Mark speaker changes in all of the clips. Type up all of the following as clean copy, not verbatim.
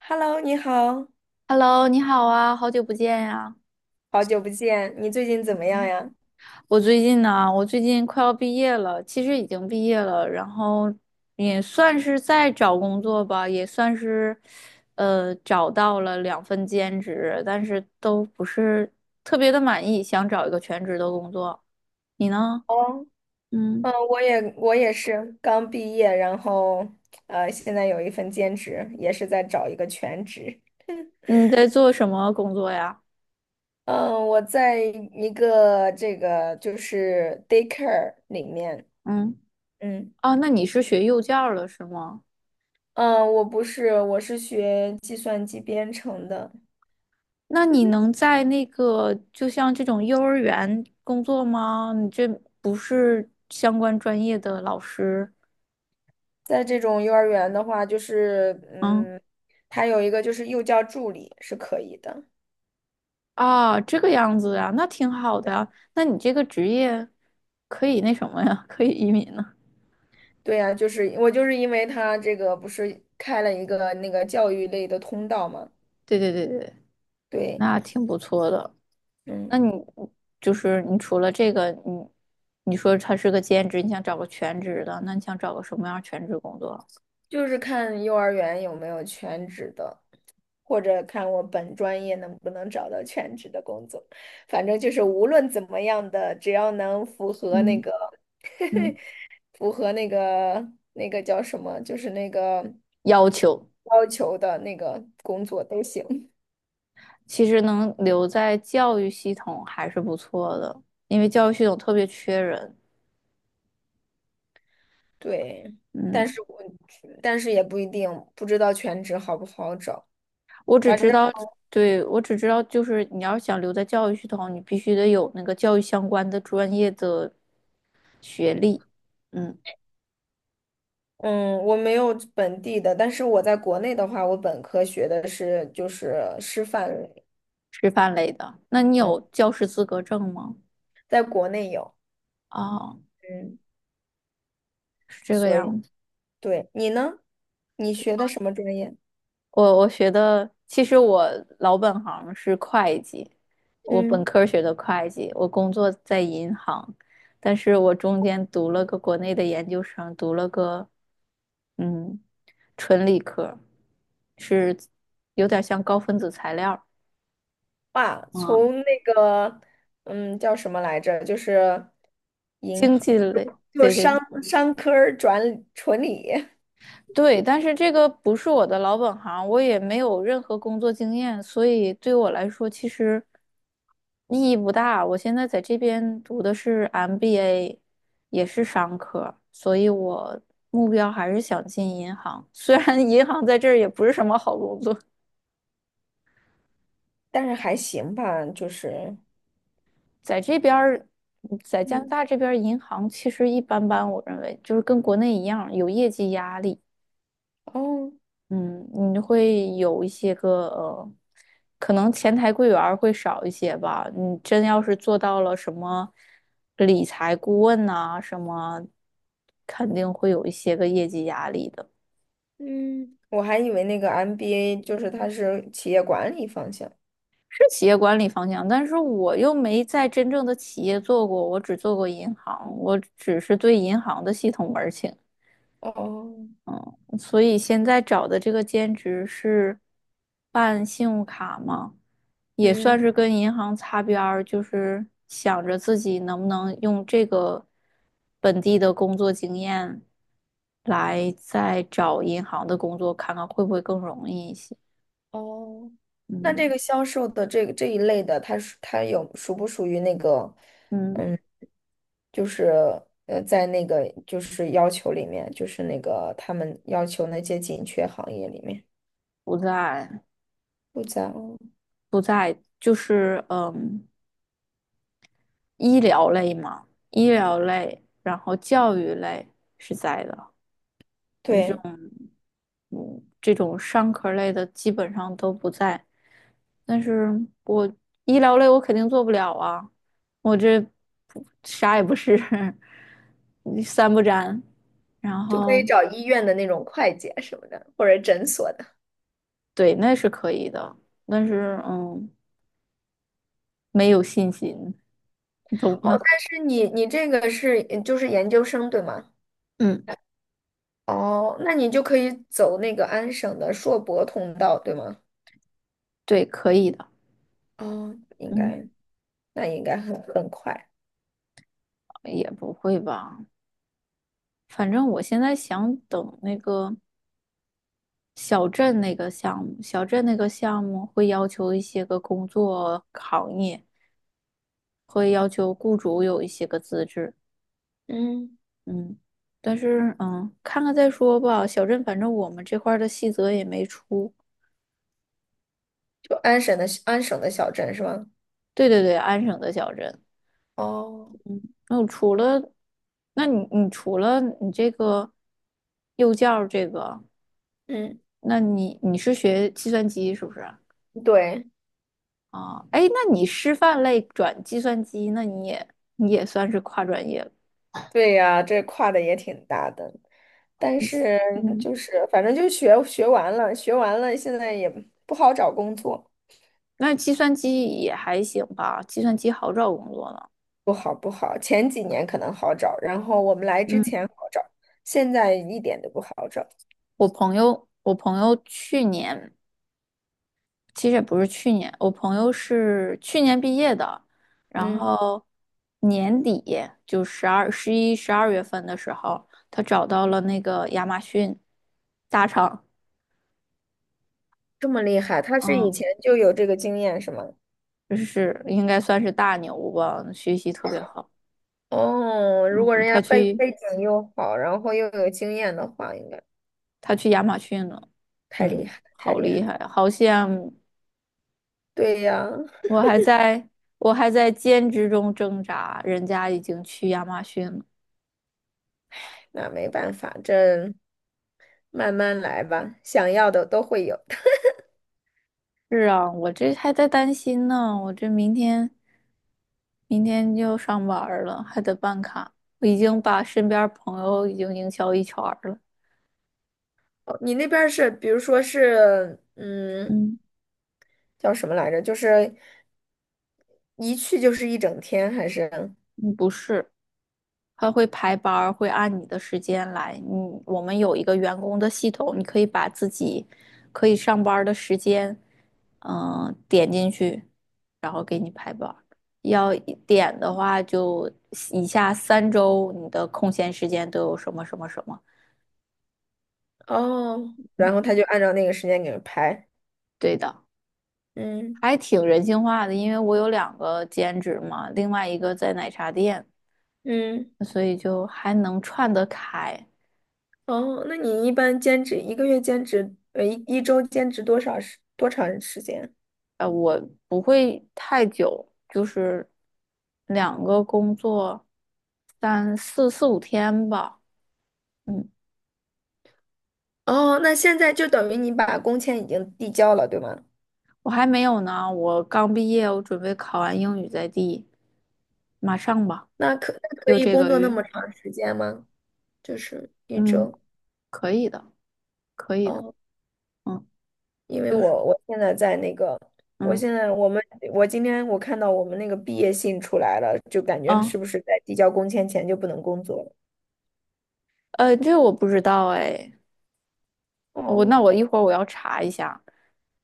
Speaker 1: Hello，你好，
Speaker 2: Hello，你好啊，好久不见呀、
Speaker 1: 好久不见，你最近怎么样呀？
Speaker 2: 我最近快要毕业了，其实已经毕业了，然后也算是在找工作吧，也算是，呃，找到了2份兼职，但是都不是特别的满意，想找一个全职的工作。你呢？
Speaker 1: 哦，
Speaker 2: 嗯，
Speaker 1: 嗯，我也是刚毕业，然后现在有一份兼职，也是在找一个全职。
Speaker 2: 你在做什么工作呀？
Speaker 1: 嗯，我在一个这个就是 daycare 里面，
Speaker 2: 嗯，
Speaker 1: 嗯
Speaker 2: 啊，那你是学幼教的是吗？
Speaker 1: 嗯，我不是，我是学计算机编程的。
Speaker 2: 那你 能在那个就像这种幼儿园工作吗？你这不是相关专业的老师，
Speaker 1: 在这种幼儿园的话，就是
Speaker 2: 嗯，
Speaker 1: 它有一个就是幼教助理是可以的。
Speaker 2: 啊，这个样子啊，那挺好的啊。那你这个职业可以那什么呀？可以移民呢？
Speaker 1: 对呀，就是我就是因为他这个不是开了一个那个教育类的通道嘛，
Speaker 2: 对对对对，
Speaker 1: 对，
Speaker 2: 那挺不错的。那
Speaker 1: 嗯，
Speaker 2: 你就是你除了这个，你说他是个兼职，你想找个全职的，那你想找个什么样儿全职工作？
Speaker 1: 就是看幼儿园有没有全职的，或者看我本专业能不能找到全职的工作，反正就是无论怎么样的，只要能符合那
Speaker 2: 嗯
Speaker 1: 个
Speaker 2: 嗯，
Speaker 1: 符合那个那个叫什么，就是那个
Speaker 2: 要求。
Speaker 1: 要求的那个工作都行，
Speaker 2: 其实能留在教育系统还是不错的，因为教育系统特别缺人。
Speaker 1: 对，但
Speaker 2: 嗯，
Speaker 1: 是我但是也不一定不知道全职好不好找。
Speaker 2: 我只
Speaker 1: 反正。
Speaker 2: 知道，对，我只知道，就是你要是想留在教育系统，你必须得有那个教育相关的专业的学历。嗯，
Speaker 1: 嗯，我没有本地的，但是我在国内的话，我本科学的是就是师范类，
Speaker 2: 师范类的。那你
Speaker 1: 嗯，
Speaker 2: 有教师资格证吗？
Speaker 1: 在国内有，
Speaker 2: 哦，
Speaker 1: 嗯，
Speaker 2: 是这个
Speaker 1: 所以
Speaker 2: 样子。
Speaker 1: 对你呢？你学的什么专业？
Speaker 2: 我我学的，其实我老本行是会计，我本
Speaker 1: 嗯，
Speaker 2: 科学的会计，我工作在银行，但是我中间读了个国内的研究生，读了个嗯纯理科，是有点像高分子材料。
Speaker 1: 哇，
Speaker 2: 嗯，
Speaker 1: 从那个叫什么来着？就是银
Speaker 2: 经
Speaker 1: 行，
Speaker 2: 济类，
Speaker 1: 就
Speaker 2: 对
Speaker 1: 商
Speaker 2: 对，
Speaker 1: 商科儿转纯理，
Speaker 2: 对，但是这个不是我的老本行，我也没有任何工作经验，所以对我来说其实意义不大。我现在在这边读的是 MBA，也是商科，所以我目标还是想进银行。虽然银行在这儿也不是什么好工作，
Speaker 1: 但是还行吧，就是
Speaker 2: 在这边儿，在加拿
Speaker 1: 嗯。
Speaker 2: 大这边儿银行其实一般般，我认为就是跟国内一样有业绩压力。
Speaker 1: 哦。
Speaker 2: 嗯，你会有一些个可能前台柜员儿会少一些吧。你真要是做到了什么理财顾问呐、什么肯定会有一些个业绩压力的。
Speaker 1: 嗯，我还以为那个 MBA 就是它是企业管理方向。
Speaker 2: 是企业管理方向，但是我又没在真正的企业做过，我只做过银行，我只是对银行的系统门儿清。
Speaker 1: 哦，
Speaker 2: 所以现在找的这个兼职是办信用卡吗？也算
Speaker 1: 嗯，
Speaker 2: 是跟银行擦边儿，就是想着自己能不能用这个本地的工作经验来再找银行的工作，看看会不会更容易一些。
Speaker 1: 哦，那这
Speaker 2: 嗯
Speaker 1: 个销售的这个这一类的，它有属不属于那个，
Speaker 2: 嗯，
Speaker 1: 嗯，就是在那个就是要求里面，就是那个他们要求那些紧缺行业里面
Speaker 2: 不在
Speaker 1: 不在哦，
Speaker 2: 不在，就是医疗类嘛，医疗类，然后教育类是在的。
Speaker 1: 对，
Speaker 2: 嗯，这种商科类的基本上都不在。但是我医疗类我肯定做不了啊，我这不啥也不是，三不沾。然
Speaker 1: 就可以
Speaker 2: 后
Speaker 1: 找医院的那种会计啊什么的，或者诊所的。
Speaker 2: 对，那是可以的，但是嗯，没有信心，你懂
Speaker 1: 哦，
Speaker 2: 吗？
Speaker 1: 但是你你这个是就是研究生对吗？
Speaker 2: 嗯，
Speaker 1: 哦，那你就可以走那个安省的硕博通道对吗？
Speaker 2: 对，可以的。
Speaker 1: 哦，应
Speaker 2: 嗯，
Speaker 1: 该。那应该很快。
Speaker 2: 也不会吧，反正我现在想等那个。小镇那个项目，小镇那个项目会要求一些个工作行业，会要求雇主有一些个资质。
Speaker 1: 嗯。
Speaker 2: 嗯，但是嗯，看看再说吧。小镇反正我们这块儿的细则也没出。
Speaker 1: 就安省的小镇是吗？
Speaker 2: 对对对，安省的小镇。
Speaker 1: 哦，
Speaker 2: 那我除了，那你除了你这个幼教这个，
Speaker 1: 嗯，
Speaker 2: 那你你是学计算机是不是？
Speaker 1: 对，
Speaker 2: 啊，哎，那你师范类转计算机，那你也算是跨专业。
Speaker 1: 对呀，这跨的也挺大的，但是
Speaker 2: 嗯，
Speaker 1: 就是反正就学完了，学完了，现在也不好找工作，
Speaker 2: 那计算机也还行吧，计算机好找工作呢。
Speaker 1: 不好不好。前几年可能好找，然后我们来之
Speaker 2: 嗯，
Speaker 1: 前好找，现在一点都不好找。
Speaker 2: 我朋友去年其实也不是去年，我朋友是去年毕业的，然
Speaker 1: 嗯，
Speaker 2: 后年底就12、11、12月份的时候，他找到了那个亚马逊大厂。
Speaker 1: 这么厉害，他是以
Speaker 2: 嗯，
Speaker 1: 前就有这个经验是吗？
Speaker 2: 就是应该算是大牛吧，学习特别好。
Speaker 1: 哦，如果
Speaker 2: 嗯，
Speaker 1: 人家
Speaker 2: 他去
Speaker 1: 背景又好，然后又有经验的话，应该。
Speaker 2: 他去亚马逊了。
Speaker 1: 太厉
Speaker 2: 嗯，
Speaker 1: 害了，太
Speaker 2: 好
Speaker 1: 厉
Speaker 2: 厉
Speaker 1: 害了。
Speaker 2: 害，好像。
Speaker 1: 对呀，
Speaker 2: 我还在我还在兼职中挣扎，人家已经去亚马逊了。
Speaker 1: 那没办法，这慢慢来吧，想要的都会有的。
Speaker 2: 是啊，我这还在担心呢，我这明天就上班儿了，还得办卡。我已经把身边儿朋友已经营销一圈儿了。
Speaker 1: 哦你那边儿是，比如说是，嗯，
Speaker 2: 嗯，
Speaker 1: 叫什么来着？就是一去就是一整天，还是？
Speaker 2: 嗯不是，他会排班儿会按你的时间来。我们有一个员工的系统，你可以把自己可以上班儿的时间，点进去。要一点的话，就以下3周你的空闲时间都有什么什么什么？
Speaker 1: 哦，然后他就按照那个时间给人排。
Speaker 2: 对的，
Speaker 1: 嗯
Speaker 2: 还挺人性化的，因为我有两个兼职嘛，另外一个在奶茶店，
Speaker 1: 嗯，
Speaker 2: 所以就还能串得开。
Speaker 1: 哦，那你一般兼职一个月兼职，呃，一周兼职多长时间？
Speaker 2: 呃，我不会太久，就是两个工作三四四五天吧。嗯，
Speaker 1: 哦，那现在就等于你把工签已经递交了，对吗？
Speaker 2: 我还没有呢，我刚毕业，我准备考完英语马上吧，
Speaker 1: 那可
Speaker 2: 就
Speaker 1: 以
Speaker 2: 这
Speaker 1: 工
Speaker 2: 个
Speaker 1: 作那
Speaker 2: 月。
Speaker 1: 么长时间吗？就是一
Speaker 2: 嗯，
Speaker 1: 周
Speaker 2: 可以的，可以的。
Speaker 1: 哦，
Speaker 2: 嗯，
Speaker 1: 因为
Speaker 2: 就是
Speaker 1: 我现在在那个，我
Speaker 2: 嗯
Speaker 1: 现在我们我今天看到我们那个毕业信出来了，就感觉是
Speaker 2: 啊
Speaker 1: 不是在递交工签前就不能工作了？
Speaker 2: 这个我不知道哎，
Speaker 1: 哦，
Speaker 2: 那我一会儿我要查一下，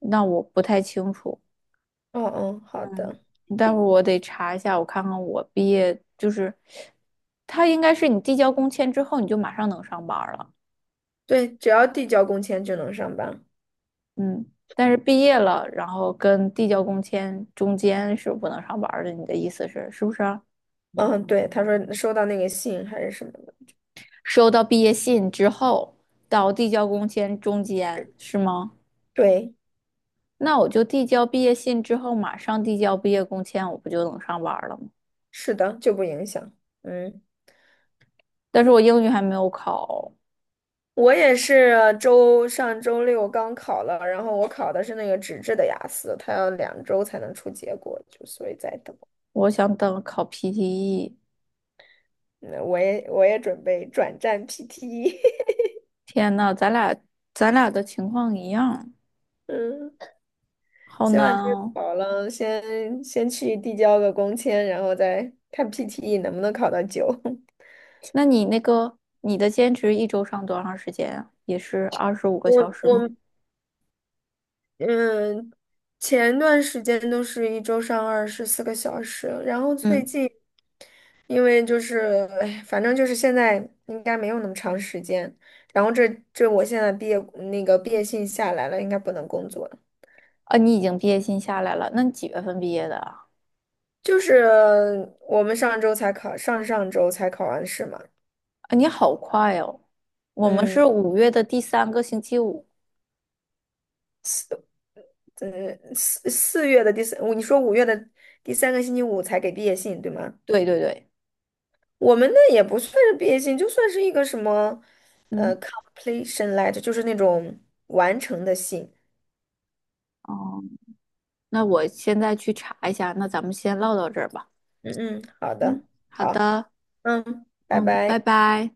Speaker 2: 那我不太清楚。
Speaker 1: 哦哦，好的，
Speaker 2: 待会儿我得查一下，我看看我毕业就是，他应该是你递交工签之后你就马上能上班儿了。
Speaker 1: 对，只要递交工签就能上班。
Speaker 2: 嗯，但是毕业了，然后跟递交工签中间是不能上班儿的，你的意思是是不是啊？
Speaker 1: 嗯，对，他说收到那个信还是什么的，
Speaker 2: 收到毕业信之后到递交工签中间是吗？
Speaker 1: 对，
Speaker 2: 那我就递交毕业信之后，马上递交毕业工签，我不就能上班儿了吗？
Speaker 1: 是的，就不影响。嗯。
Speaker 2: 但是我英语还没有考，
Speaker 1: 我也是上周六刚考了，然后我考的是那个纸质的雅思，它要2周才能出结果，就所以在等。
Speaker 2: 我想等考 PTE。
Speaker 1: 那我也准备转战 PT，e
Speaker 2: 天呐，咱俩的情况一样，
Speaker 1: 嗯，
Speaker 2: 好
Speaker 1: 先把
Speaker 2: 难
Speaker 1: 这个
Speaker 2: 哦。
Speaker 1: 考了，先去递交个工签，然后再看 PTE 能不能考到9。
Speaker 2: 那你那个你的兼职一周上多长时间啊？也是二十五个小
Speaker 1: 我
Speaker 2: 时吗？
Speaker 1: 我嗯，前段时间都是一周上24个小时，然后最
Speaker 2: 嗯，
Speaker 1: 近因为就是，哎，反正就是现在应该没有那么长时间。然后这我现在毕业那个毕业信下来了，应该不能工作了。
Speaker 2: 啊，你已经毕业信下来了，那你几月份毕业的啊？
Speaker 1: 就是我们上周才考，上上周才考完试嘛。
Speaker 2: 啊，你好快哦。我们
Speaker 1: 嗯，
Speaker 2: 是5月的第三个星期五。
Speaker 1: 呃，四四月的第三，你说五月的第三个星期五才给毕业信，对吗？
Speaker 2: 对对对，
Speaker 1: 我们那也不算是毕业信，就算是一个什么，呃
Speaker 2: 嗯，
Speaker 1: ，completion letter，就是那种完成的信。
Speaker 2: 哦，那我现在去查一下，那咱们先唠到这儿吧。
Speaker 1: 嗯嗯，好的，
Speaker 2: 嗯，好
Speaker 1: 好，
Speaker 2: 的，
Speaker 1: 嗯，拜
Speaker 2: 嗯，
Speaker 1: 拜。
Speaker 2: 拜拜。